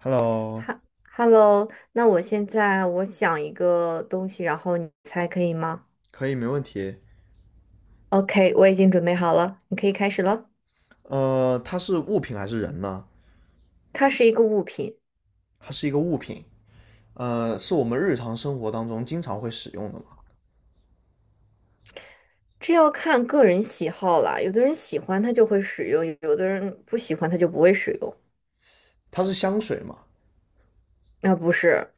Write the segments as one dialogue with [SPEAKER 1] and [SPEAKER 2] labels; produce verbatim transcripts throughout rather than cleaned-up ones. [SPEAKER 1] Hello，
[SPEAKER 2] 哈，Hello，那我现在我想一个东西，然后你猜可以吗
[SPEAKER 1] 可以，没问题。
[SPEAKER 2] ？OK，我已经准备好了，你可以开始了。
[SPEAKER 1] 呃，它是物品还是人呢？
[SPEAKER 2] 它是一个物品，
[SPEAKER 1] 它是一个物品，呃，是我们日常生活当中经常会使用的嘛。
[SPEAKER 2] 这要看个人喜好啦。有的人喜欢它就会使用，有的人不喜欢它就不会使用。
[SPEAKER 1] 它是香水嘛？
[SPEAKER 2] 啊，不是，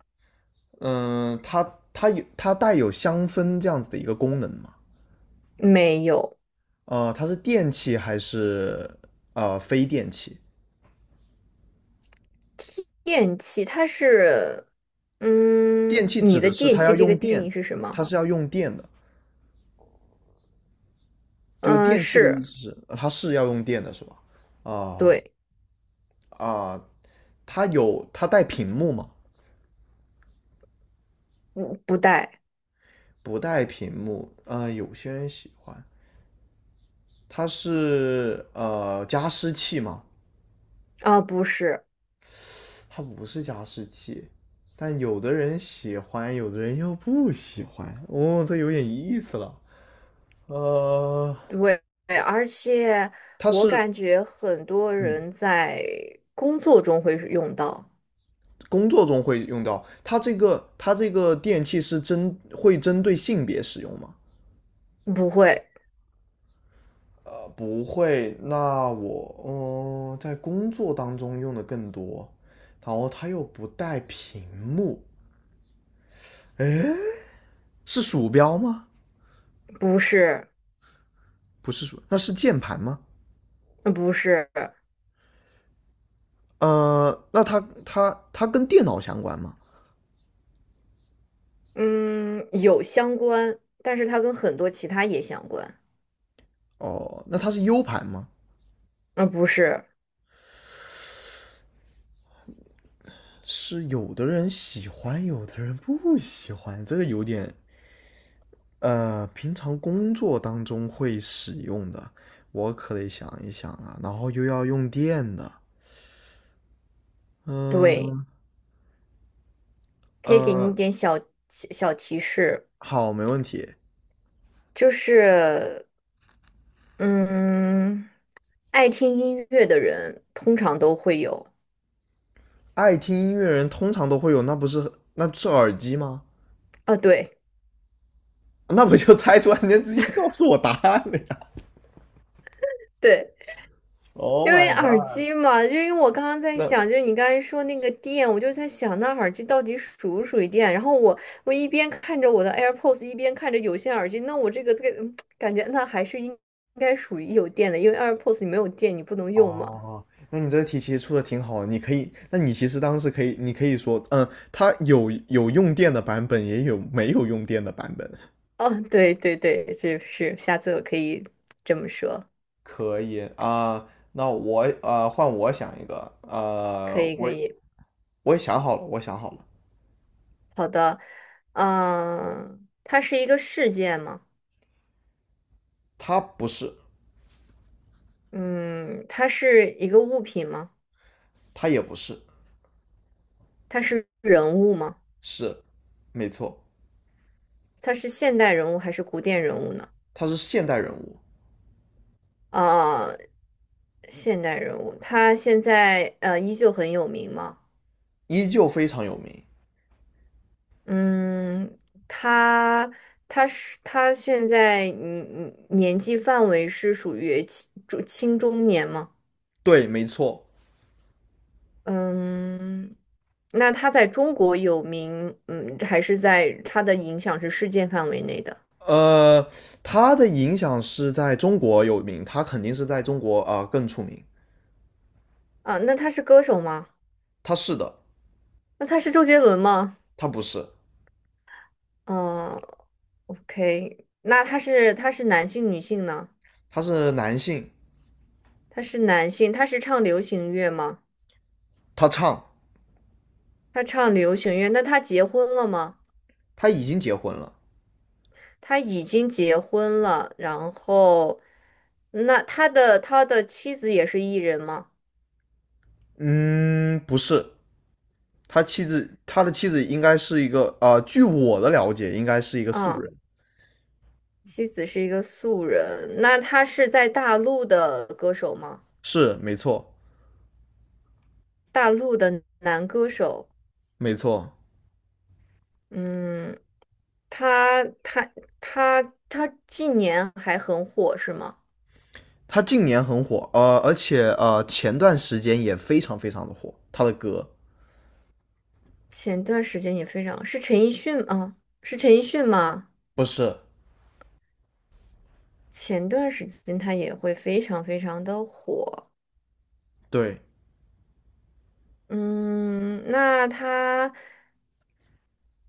[SPEAKER 1] 嗯、它它有它带有香氛这样子的一个功能嘛？
[SPEAKER 2] 没有
[SPEAKER 1] 呃，它是电器还是呃非电器？
[SPEAKER 2] 电器，它是，
[SPEAKER 1] 电
[SPEAKER 2] 嗯，
[SPEAKER 1] 器
[SPEAKER 2] 你
[SPEAKER 1] 指
[SPEAKER 2] 的
[SPEAKER 1] 的是
[SPEAKER 2] 电
[SPEAKER 1] 它要
[SPEAKER 2] 器这个
[SPEAKER 1] 用
[SPEAKER 2] 定义
[SPEAKER 1] 电，
[SPEAKER 2] 是什
[SPEAKER 1] 它
[SPEAKER 2] 么？
[SPEAKER 1] 是要用电的，就
[SPEAKER 2] 嗯，
[SPEAKER 1] 电器的意
[SPEAKER 2] 是，
[SPEAKER 1] 思是呃它是要用电的，是吧？啊、
[SPEAKER 2] 对，
[SPEAKER 1] 啊、它有它带屏幕嘛？
[SPEAKER 2] 不不带
[SPEAKER 1] 不带屏幕，呃，有些人喜欢。它是呃加湿器嘛，
[SPEAKER 2] 啊，不是。
[SPEAKER 1] 它不是加湿器，但有的人喜欢，有的人又不喜欢。哦，这有点意思了。呃，
[SPEAKER 2] 对，而且
[SPEAKER 1] 它
[SPEAKER 2] 我
[SPEAKER 1] 是
[SPEAKER 2] 感觉很多
[SPEAKER 1] 嗯，
[SPEAKER 2] 人在工作中会是用到，
[SPEAKER 1] 工作中会用到。它这个它这个电器是针会针对性别使用吗？
[SPEAKER 2] 不会，
[SPEAKER 1] 呃，不会。那我嗯、呃在工作当中用的更多，然后它又不带屏幕。哎。是鼠标吗？
[SPEAKER 2] 不是，
[SPEAKER 1] 不是鼠，那是键盘吗？
[SPEAKER 2] 嗯不是，
[SPEAKER 1] 呃，那它它它跟电脑相关吗？
[SPEAKER 2] 嗯，有相关，但是它跟很多其他也相关，
[SPEAKER 1] 哦，那它是 U 盘吗？
[SPEAKER 2] 嗯，不是，
[SPEAKER 1] 是有的人喜欢，有的人不喜欢，这个有点呃，平常工作当中会使用的，我可得想一想啊，然后又要用电的，
[SPEAKER 2] 对，
[SPEAKER 1] 嗯呃
[SPEAKER 2] 可以给你一
[SPEAKER 1] 呃
[SPEAKER 2] 点小小提示，
[SPEAKER 1] 好，没问题。
[SPEAKER 2] 就是，嗯，爱听音乐的人通常都会有，
[SPEAKER 1] 爱听音乐人通常都会有，那不是那是耳机吗？
[SPEAKER 2] 啊，对，
[SPEAKER 1] 那不就猜出来，你直接告诉我答案了呀
[SPEAKER 2] 对。
[SPEAKER 1] ？Oh
[SPEAKER 2] 因为
[SPEAKER 1] my
[SPEAKER 2] 耳
[SPEAKER 1] god！
[SPEAKER 2] 机嘛，就因为我刚刚在
[SPEAKER 1] 那
[SPEAKER 2] 想，就是你刚才说那个电，我就在想那耳机到底属不属于电。然后我我一边看着我的 AirPods，一边看着有线耳机，那我这个这个嗯 感觉那还是应应该属于有电的，因为 AirPods 你没有电你不能用嘛。
[SPEAKER 1] 哦，那你这个题其实出的挺好的你可以，那你其实当时可以，你可以说，嗯，它有有用电的版本，也有没有用电的版本。
[SPEAKER 2] 哦，对对对，这是下次我可以这么说，
[SPEAKER 1] 可以啊，那我呃换我想一个，
[SPEAKER 2] 可
[SPEAKER 1] 呃，
[SPEAKER 2] 以可
[SPEAKER 1] 我
[SPEAKER 2] 以，
[SPEAKER 1] 我也想好了，我想好了，
[SPEAKER 2] 好的，嗯、它是一个事件吗？
[SPEAKER 1] 他不是，
[SPEAKER 2] 嗯，它是一个物品吗？
[SPEAKER 1] 他也不是，
[SPEAKER 2] 它是人物吗？
[SPEAKER 1] 是，没错，
[SPEAKER 2] 他是现代人物还是古典人物呢？
[SPEAKER 1] 他是现代人物，
[SPEAKER 2] 啊、现代人物，他现在呃依旧很有名吗？
[SPEAKER 1] 依旧非常有名。
[SPEAKER 2] 嗯，他他是他现在嗯嗯年纪范围是属于青中青中年吗？
[SPEAKER 1] 对，没错。
[SPEAKER 2] 嗯，那他在中国有名，嗯，还是在他的影响是世界范围内的
[SPEAKER 1] 呃，他的影响是在中国有名，他肯定是在中国啊、呃更出名。
[SPEAKER 2] 啊？那他是歌手吗？
[SPEAKER 1] 他是的，
[SPEAKER 2] 那他是周杰伦吗？
[SPEAKER 1] 他不是，
[SPEAKER 2] 嗯，OK，那他是他是男性女性呢？
[SPEAKER 1] 他是男性，
[SPEAKER 2] 他是男性，他是唱流行乐吗？
[SPEAKER 1] 他唱，
[SPEAKER 2] 他唱流行乐，那他结婚了吗？
[SPEAKER 1] 他已经结婚了。
[SPEAKER 2] 他已经结婚了，然后，那他的他的妻子也是艺人吗？
[SPEAKER 1] 嗯，不是，他妻子，他的妻子应该是一个，呃，据我的了解，应该是一个素
[SPEAKER 2] 啊，
[SPEAKER 1] 人。
[SPEAKER 2] 妻子是一个素人，那他是在大陆的歌手吗？
[SPEAKER 1] 是，没错，
[SPEAKER 2] 大陆的男歌手，
[SPEAKER 1] 没错。
[SPEAKER 2] 嗯，他他他他近年还很火是吗？
[SPEAKER 1] 他近年很火，呃，而且呃，前段时间也非常非常的火，他的歌。
[SPEAKER 2] 前段时间也非常，是陈奕迅啊，是陈奕迅吗？
[SPEAKER 1] 不是，
[SPEAKER 2] 前段时间他也会非常非常的火。
[SPEAKER 1] 对，
[SPEAKER 2] 嗯，那他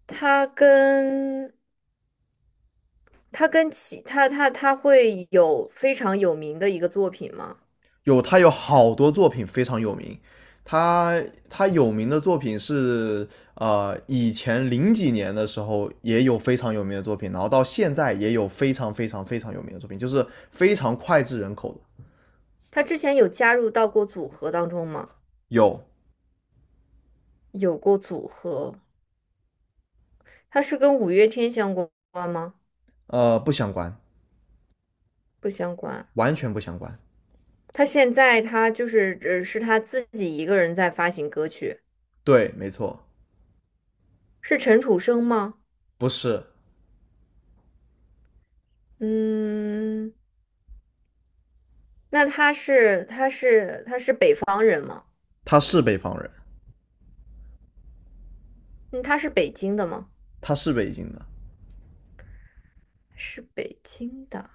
[SPEAKER 2] 他跟他跟其他他他会有非常有名的一个作品吗？
[SPEAKER 1] 有他有好多作品非常有名，他他有名的作品是呃以前零几年的时候也有非常有名的作品，然后到现在也有非常非常非常有名的作品，就是非常脍炙人口的。
[SPEAKER 2] 他之前有加入到过组合当中吗？
[SPEAKER 1] 有
[SPEAKER 2] 有过组合，他是跟五月天相关吗？
[SPEAKER 1] 呃不相关，
[SPEAKER 2] 不相关。
[SPEAKER 1] 完全不相关。
[SPEAKER 2] 他现在他就是呃是他自己一个人在发行歌曲，
[SPEAKER 1] 对，没错，
[SPEAKER 2] 是陈楚生吗？
[SPEAKER 1] 不是，
[SPEAKER 2] 嗯，那他是他是他是北方人吗？
[SPEAKER 1] 他是北方人，
[SPEAKER 2] 嗯，他是北京的吗？
[SPEAKER 1] 他是北京的，
[SPEAKER 2] 是北京的，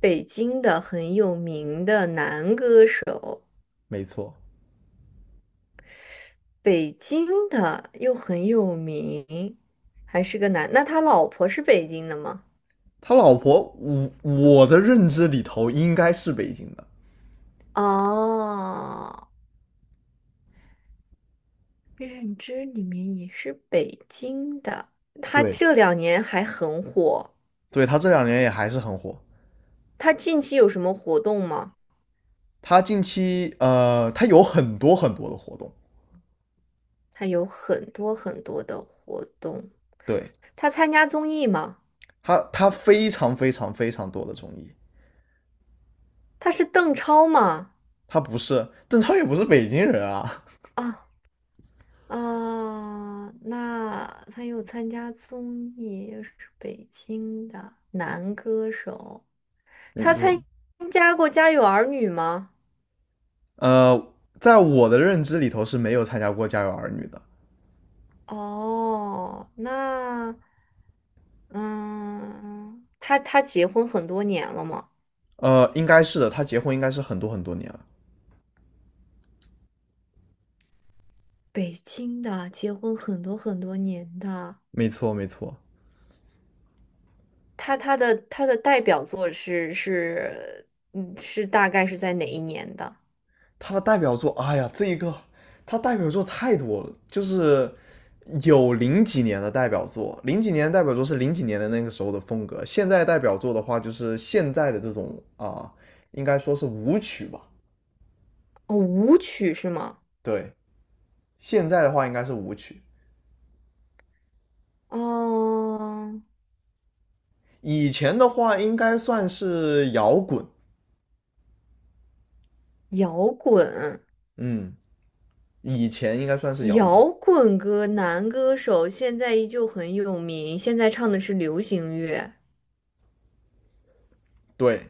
[SPEAKER 2] 北京的很有名的男歌手，
[SPEAKER 1] 没错。
[SPEAKER 2] 北京的又很有名，还是个男。那他老婆是北京的吗？
[SPEAKER 1] 他老婆，我我的认知里头应该是北京的。
[SPEAKER 2] 哦，认知里面也是北京的。他
[SPEAKER 1] 对，
[SPEAKER 2] 这两年还很火，
[SPEAKER 1] 对他这两年也还是很火，
[SPEAKER 2] 他近期有什么活动吗？
[SPEAKER 1] 他近期呃，他有很多很多的活动，
[SPEAKER 2] 他有很多很多的活动。
[SPEAKER 1] 对
[SPEAKER 2] 他参加综艺吗？
[SPEAKER 1] 他，他非常非常非常多的综艺。
[SPEAKER 2] 他是邓超吗？
[SPEAKER 1] 他不是邓超，也不是北京人啊。
[SPEAKER 2] 啊啊，那他又参加综艺，又是北京的男歌手。
[SPEAKER 1] 没
[SPEAKER 2] 他
[SPEAKER 1] 错，
[SPEAKER 2] 参加过《家有儿女》吗？
[SPEAKER 1] 呃，在我的认知里头是没有参加过《家有儿女》的。
[SPEAKER 2] 哦，那嗯，他他结婚很多年了吗？
[SPEAKER 1] 呃，应该是的，他结婚应该是很多很多年了。
[SPEAKER 2] 北京的，结婚很多很多年的。
[SPEAKER 1] 没错，没错。
[SPEAKER 2] 他他的他的代表作是是嗯是大概是在哪一年的？
[SPEAKER 1] 他的代表作，哎呀，这一个他代表作太多了，就是有零几年的代表作，零几年的代表作是零几年的那个时候的风格，现在代表作的话就是现在的这种啊、呃应该说是舞曲吧，
[SPEAKER 2] 哦，舞曲是吗？
[SPEAKER 1] 对，现在的话应该是舞曲，
[SPEAKER 2] 哦，
[SPEAKER 1] 以前的话应该算是摇滚，
[SPEAKER 2] 摇滚，
[SPEAKER 1] 嗯，以前应该算是摇滚，
[SPEAKER 2] 摇滚歌男歌手现在依旧很有名，现在唱的是流行乐。
[SPEAKER 1] 对，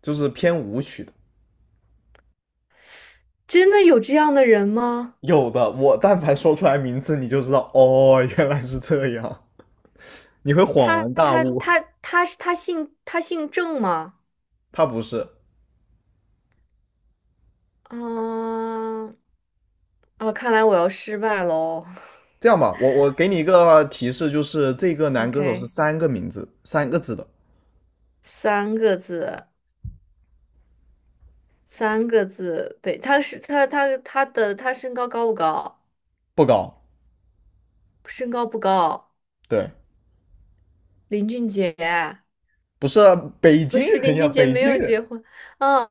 [SPEAKER 1] 就是偏舞曲的。
[SPEAKER 2] 真的有这样的人吗？
[SPEAKER 1] 有的，我但凡说出来名字，你就知道哦，原来是这样，你会恍
[SPEAKER 2] 他
[SPEAKER 1] 然大
[SPEAKER 2] 他
[SPEAKER 1] 悟。
[SPEAKER 2] 他他是他姓他姓郑吗？
[SPEAKER 1] 他不是。
[SPEAKER 2] 嗯，哦，看来我要失败喽。
[SPEAKER 1] 这样吧，我我给你一个提示，就是这个男歌手是
[SPEAKER 2] OK，
[SPEAKER 1] 三个名字，三个字的，
[SPEAKER 2] 三个字，三个字，北，他是他他他的他身高高不高？
[SPEAKER 1] 不高。
[SPEAKER 2] 身高不高，
[SPEAKER 1] 对，
[SPEAKER 2] 林俊杰。
[SPEAKER 1] 不是北
[SPEAKER 2] 不
[SPEAKER 1] 京
[SPEAKER 2] 是
[SPEAKER 1] 人
[SPEAKER 2] 林
[SPEAKER 1] 呀，
[SPEAKER 2] 俊杰
[SPEAKER 1] 北
[SPEAKER 2] 没
[SPEAKER 1] 京
[SPEAKER 2] 有
[SPEAKER 1] 人。
[SPEAKER 2] 结婚，啊？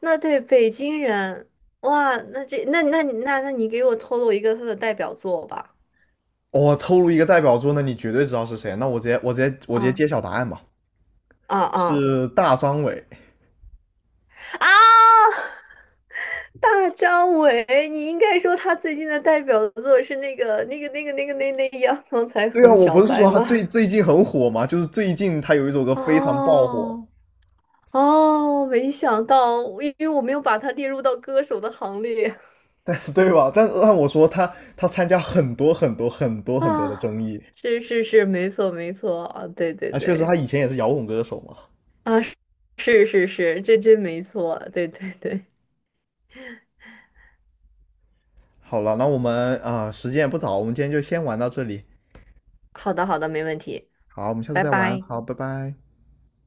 [SPEAKER 2] 那对北京人，哇，那这那那那那你给我透露一个他的代表作吧？
[SPEAKER 1] 我、哦透露一个代表作，那你绝对知道是谁。那我直接我直接我直接
[SPEAKER 2] 啊
[SPEAKER 1] 揭晓答案吧，
[SPEAKER 2] 啊啊
[SPEAKER 1] 是大张伟。
[SPEAKER 2] 啊！大张伟，你应该说他最近的代表作是那个那个那个那个那那阳光彩
[SPEAKER 1] 对啊，
[SPEAKER 2] 虹
[SPEAKER 1] 我
[SPEAKER 2] 小
[SPEAKER 1] 不是
[SPEAKER 2] 白
[SPEAKER 1] 说他
[SPEAKER 2] 吗？
[SPEAKER 1] 最 最近很火嘛，就是最近他有一首歌非常爆火，
[SPEAKER 2] 哦哦，没想到，因为我没有把他列入到歌手的行列
[SPEAKER 1] 对吧？但但我说他他参加很多很多很 多很多的
[SPEAKER 2] 啊。
[SPEAKER 1] 综艺，
[SPEAKER 2] 是是是，没错没错啊，对对
[SPEAKER 1] 那啊，确实他
[SPEAKER 2] 对。
[SPEAKER 1] 以前也是摇滚歌手嘛。
[SPEAKER 2] 啊，是是是，这真没错，对对对，
[SPEAKER 1] 好了，那我们啊、呃时间也不早，我们今天就先玩到这里。
[SPEAKER 2] 好的好的，没问题，
[SPEAKER 1] 好，我们下次
[SPEAKER 2] 拜
[SPEAKER 1] 再玩。
[SPEAKER 2] 拜。
[SPEAKER 1] 好，拜拜。